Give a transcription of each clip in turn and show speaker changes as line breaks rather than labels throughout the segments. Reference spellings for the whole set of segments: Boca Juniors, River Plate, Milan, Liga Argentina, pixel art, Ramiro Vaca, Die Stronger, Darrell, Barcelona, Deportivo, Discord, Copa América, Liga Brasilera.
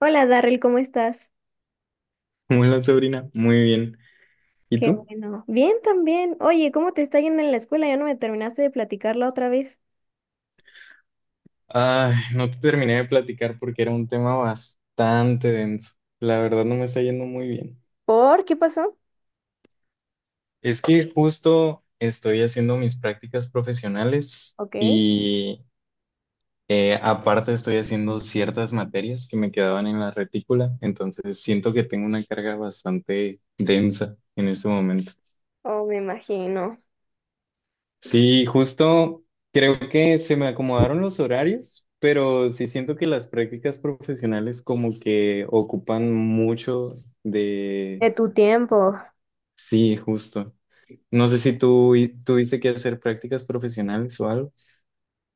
Hola Darrell, ¿cómo estás?
Hola, Sabrina. Muy bien. ¿Y
Qué
tú?
bueno. Bien también. Oye, ¿cómo te está yendo en la escuela? Ya no me terminaste de platicar la otra vez.
Ay, no te terminé de platicar porque era un tema bastante denso. La verdad no me está yendo muy bien.
¿Por qué pasó?
Es que justo estoy haciendo mis prácticas profesionales
Ok.
y aparte estoy haciendo ciertas materias que me quedaban en la retícula, entonces siento que tengo una carga bastante densa en este momento.
Oh, me imagino.
Sí, justo creo que se me acomodaron los horarios, pero sí siento que las prácticas profesionales como que ocupan mucho de...
De tu tiempo.
Sí, justo. No sé si tuviste que hacer prácticas profesionales o algo.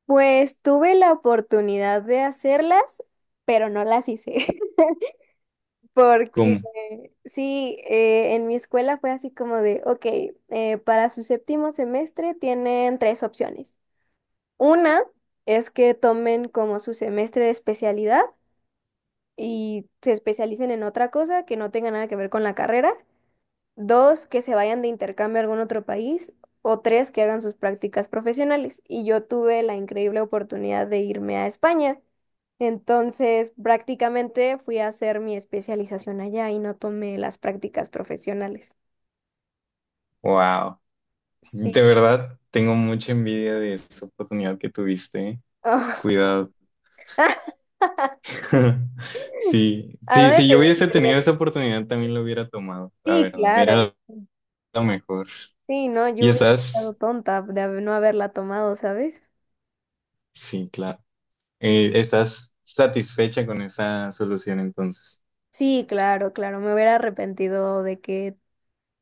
Pues tuve la oportunidad de hacerlas, pero no las hice. Porque
¿Cómo?
sí, en mi escuela fue así como de, ok, para su séptimo semestre tienen tres opciones. Una es que tomen como su semestre de especialidad, y se especialicen en otra cosa que no tenga nada que ver con la carrera. Dos, que se vayan de intercambio a algún otro país. O tres, que hagan sus prácticas profesionales. Y yo tuve la increíble oportunidad de irme a España. Entonces, prácticamente fui a hacer mi especialización allá y no tomé las prácticas profesionales.
Wow. De
Sí.
verdad, tengo mucha envidia de esa oportunidad que tuviste, ¿eh?
Oh.
Cuidado. Sí,
¿A
sí,
dónde
si yo
te
hubiese
gustaría
tenido esa
ir?
oportunidad también lo hubiera tomado, la
Sí,
verdad.
claro.
Era lo mejor.
Sí, no,
¿Y
yo hubiera estado
estás?
tonta de no haberla tomado, ¿sabes?
Sí, claro. ¿Estás satisfecha con esa solución entonces?
Sí, claro, claro, me hubiera arrepentido de que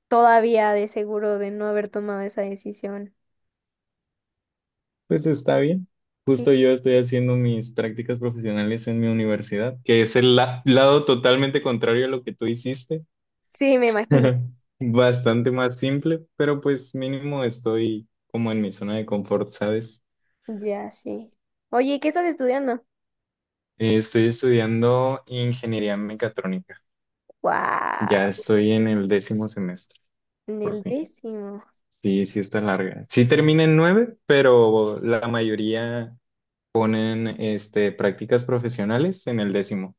todavía de seguro de no haber tomado esa decisión.
Pues está bien.
Sí,
Justo yo estoy haciendo mis prácticas profesionales en mi universidad, que es lado totalmente contrario a lo que tú hiciste.
sí, me imagino.
Bastante más simple, pero pues mínimo estoy como en mi zona de confort, ¿sabes?
Ya, sí. Oye, ¿qué estás estudiando?
Estoy estudiando ingeniería mecatrónica. Ya
Wow,
estoy en el décimo semestre,
en
por
el
fin.
décimo.
Sí, sí está larga. Sí termina en nueve, pero la mayoría ponen prácticas profesionales en el décimo,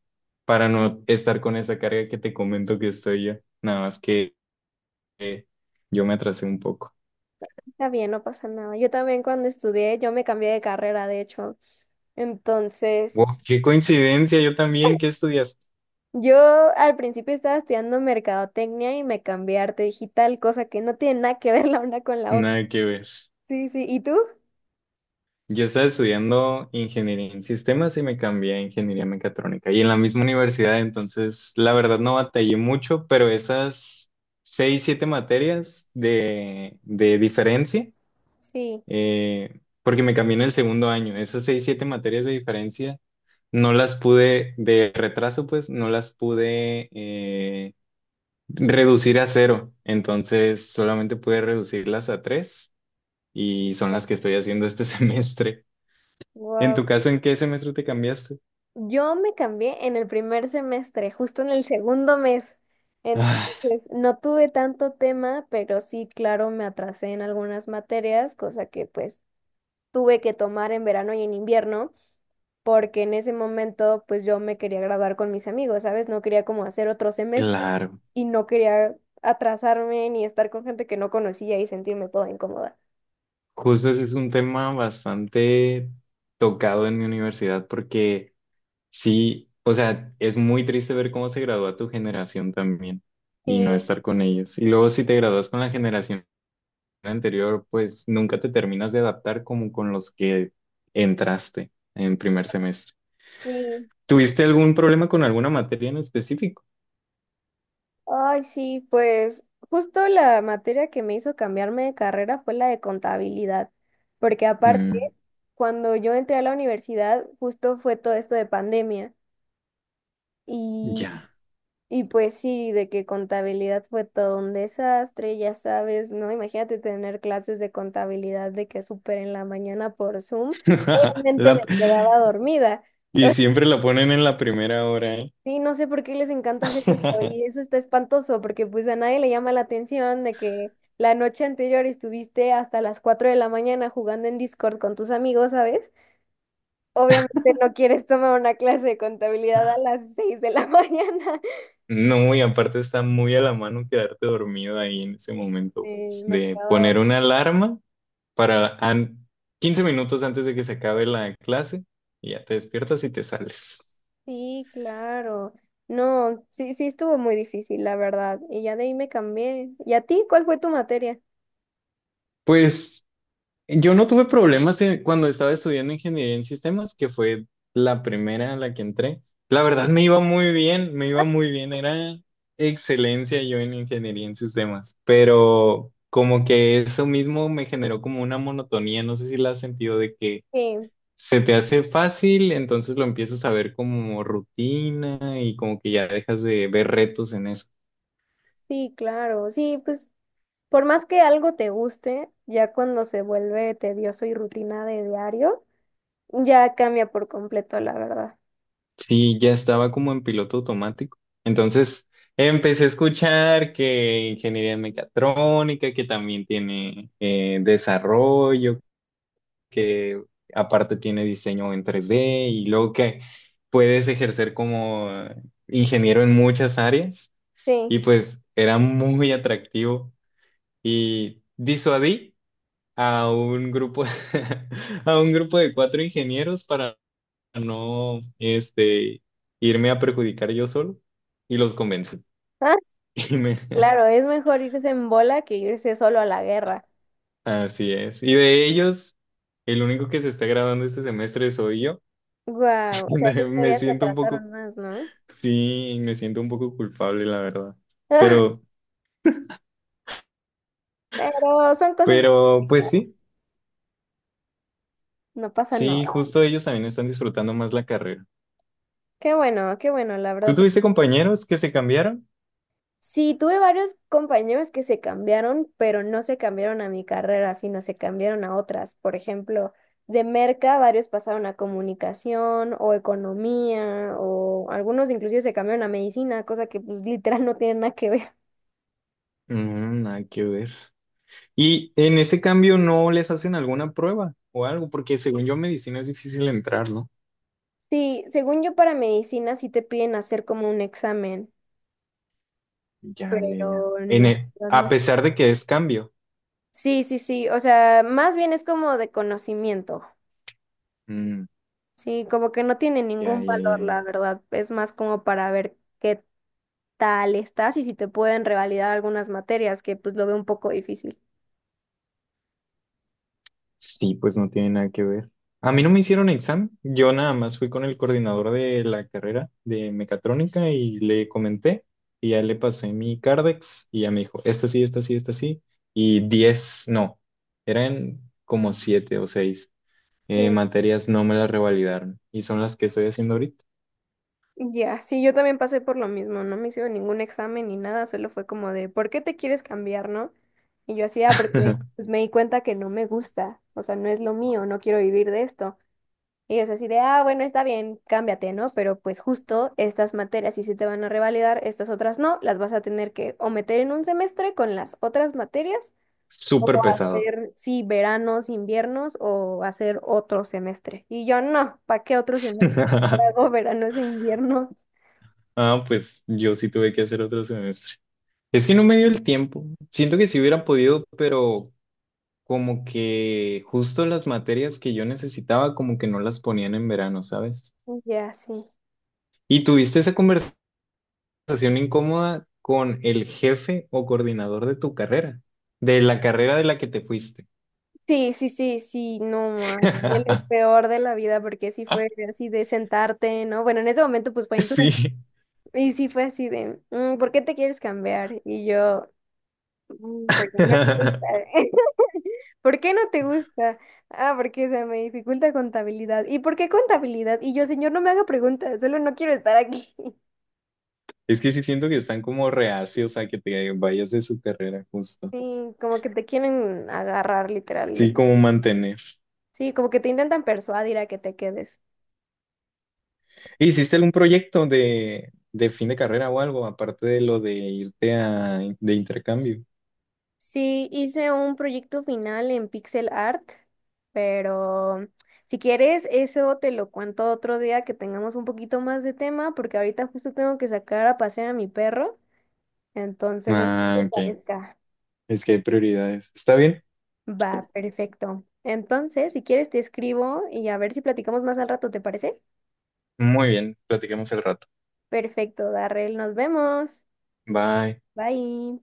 para no estar con esa carga que te comento que estoy yo. Nada más que eh, yo me atrasé un poco.
Está bien, no pasa nada. Yo también cuando estudié, yo me cambié de carrera, de hecho. Entonces,
Wow, qué coincidencia, yo también, ¿qué estudiaste?
yo al principio estaba estudiando mercadotecnia y me cambié a arte digital, cosa que no tiene nada que ver la una con la otra.
Nada que ver.
Sí, sí. ¿Y tú?
Yo estaba estudiando ingeniería en sistemas y me cambié a ingeniería mecatrónica y en la misma universidad, entonces la verdad no batallé mucho, pero esas seis, siete materias de diferencia
Sí.
porque me cambié en el segundo año. Esas seis, siete materias de diferencia no las pude, de retraso, pues, no las pude reducir a cero. Entonces, solamente pude reducirlas a tres y son las que estoy haciendo este semestre. En
Wow.
tu caso, ¿en qué semestre te cambiaste?
Yo me cambié en el primer semestre, justo en el segundo mes.
Ah,
Entonces, no tuve tanto tema, pero sí, claro, me atrasé en algunas materias, cosa que pues tuve que tomar en verano y en invierno, porque en ese momento pues yo me quería graduar con mis amigos, ¿sabes? No quería como hacer otro semestre
claro.
y no quería atrasarme ni estar con gente que no conocía y sentirme toda incómoda.
Justo ese es un tema bastante tocado en mi universidad porque sí, o sea, es muy triste ver cómo se gradúa tu generación también y no
Sí,
estar con ellos. Y luego si te gradúas con la generación anterior, pues nunca te terminas de adaptar como con los que entraste en primer semestre.
sí.
¿Tuviste algún problema con alguna materia en específico?
Ay, sí, pues justo la materia que me hizo cambiarme de carrera fue la de contabilidad, porque aparte,
Mm,
cuando yo entré a la universidad, justo fue todo esto de pandemia y,
ya.
y pues sí, de que contabilidad fue todo un desastre, ya sabes, ¿no? Imagínate tener clases de contabilidad de que súper en la mañana por Zoom, obviamente
La-
me quedaba dormida.
Y siempre la ponen en la primera hora, ¿eh?
Sí, no sé por qué les encanta hacer eso y eso está espantoso porque pues a nadie le llama la atención de que la noche anterior estuviste hasta las 4 de la mañana jugando en Discord con tus amigos, ¿sabes? Obviamente no quieres tomar una clase de contabilidad a las 6 de la mañana.
No, y aparte está muy a la mano quedarte dormido ahí en ese momento, pues,
Me
de
quedaba...
poner una alarma para an- 15 minutos antes de que se acabe la clase y ya te despiertas y te sales.
Sí, claro. No, sí, sí estuvo muy difícil, la verdad. Y ya de ahí me cambié. ¿Y a ti cuál fue tu materia?
Pues yo no tuve problemas en- cuando estaba estudiando ingeniería en sistemas, que fue la primera a la que entré. La verdad me iba muy bien, me iba muy bien, era excelencia yo en ingeniería en sistemas, pero como que eso mismo me generó como una monotonía, no sé si la has sentido de que
Sí,
se te hace fácil, entonces lo empiezas a ver como rutina y como que ya dejas de ver retos en eso.
sí, claro. Sí, pues por más que algo te guste, ya cuando se vuelve tedioso y rutina de diario, ya cambia por completo, la verdad.
Sí, ya estaba como en piloto automático. Entonces empecé a escuchar que ingeniería mecatrónica, que también tiene desarrollo, que aparte tiene diseño en tres d y luego que puedes ejercer como ingeniero en muchas áreas
Sí.
y pues era muy atractivo y disuadí. A un grupo, a un grupo de cuatro ingenieros para no, este, irme a perjudicar yo solo y los convencí.
Ah,
Y me-
claro, es mejor irse en bola que irse solo a la guerra.
Así es. Y de ellos, el único que se está graduando este semestre soy yo.
Guau, o sea, ahí
Me
todavía se
siento un poco,
atrasaron más, ¿no?
sí, me siento un poco culpable, la verdad. Pero,
Pero son cosas... que
pues sí,
no pasa
sí,
nada.
justo ellos también están disfrutando más la carrera.
Qué bueno, la
¿Tú
verdad.
tuviste compañeros que se cambiaron?
Sí, tuve varios compañeros que se cambiaron, pero no se cambiaron a mi carrera, sino se cambiaron a otras. Por ejemplo, de merca, varios pasaron a comunicación o economía, o algunos inclusive se cambiaron a medicina, cosa que pues literal no tiene nada que ver.
Mm, nada que ver. Y en ese cambio no les hacen alguna prueba o algo, porque según yo medicina es difícil entrar, ¿no?
Sí, según yo para medicina sí te piden hacer como un examen,
Ya, ya, ya.
pero en la verdad
A
no.
pesar de que es cambio.
Sí, sí, sí, o sea, más bien es como de conocimiento.
Mm,
Sí, como que no tiene
ya,
ningún
ya, ya,
valor, la
ya.
verdad. Es más como para ver qué tal estás y si te pueden revalidar algunas materias, que pues lo veo un poco difícil.
Sí, pues no tiene nada que ver. A mí no me hicieron examen, yo nada más fui con el coordinador de la carrera de mecatrónica y le comenté y ya le pasé mi Cardex y ya me dijo, esta sí, esta sí, esta sí, y 10 no, eran como 7 o 6.
Sí.
Materias no me las revalidaron y son las que estoy haciendo ahorita.
Ya, sí, yo también pasé por lo mismo, no me hicieron ningún examen ni nada, solo fue como de, ¿por qué te quieres cambiar, no? Y yo hacía porque pues me di cuenta que no me gusta, o sea, no es lo mío, no quiero vivir de esto. Y es así de, ah, bueno, está bien, cámbiate, ¿no? Pero pues justo estas materias sí se te van a revalidar, estas otras no, las vas a tener que o meter en un semestre con las otras materias, o
Súper pesado.
hacer, sí, veranos, inviernos, o hacer otro semestre. Y yo, no, ¿para qué otro semestre? Mejor hago veranos e inviernos.
Ah, pues yo sí tuve que hacer otro semestre. Es que no me dio el tiempo. Siento que si hubiera podido, pero como que justo las materias que yo necesitaba, como que no las ponían en verano, ¿sabes?
Y ya, sí.
¿Y tuviste esa conversación incómoda con el jefe o coordinador de tu carrera? De la carrera de la que te fuiste.
Sí, sí, sí, sí, no, ma, fue lo peor de la vida, porque sí fue así de sentarte, ¿no? Bueno, en ese momento pues fue en
Sí.
Zoom, y sí fue así de: "Mm, ¿por qué te quieres cambiar?" Y yo: "Mm, porque no me gusta." "¿Por qué no te gusta?" "Ah, porque se me dificulta contabilidad." "¿Y por qué contabilidad?" Y yo: "Señor, no me haga preguntas, solo no quiero estar aquí."
Es que sí siento que están como reacios a que te vayas de su carrera, justo.
Sí, como que te quieren agarrar, literal.
Sí, como mantener.
Sí, como que te intentan persuadir a que te quedes.
¿Hiciste algún proyecto de fin de carrera o algo, aparte de lo de irte a, de intercambio?
Sí, hice un proyecto final en pixel art, pero si quieres, eso te lo cuento otro día que tengamos un poquito más de tema, porque ahorita justo tengo que sacar a pasear a mi perro. Entonces, no sé qué
Ah,
te
ok.
parezca.
Es que hay prioridades. ¿Está bien?
Va, perfecto. Entonces, si quieres, te escribo y a ver si platicamos más al rato, ¿te parece?
Muy bien. Platiquemos el rato.
Perfecto, Darrell, nos vemos.
Bye.
Bye.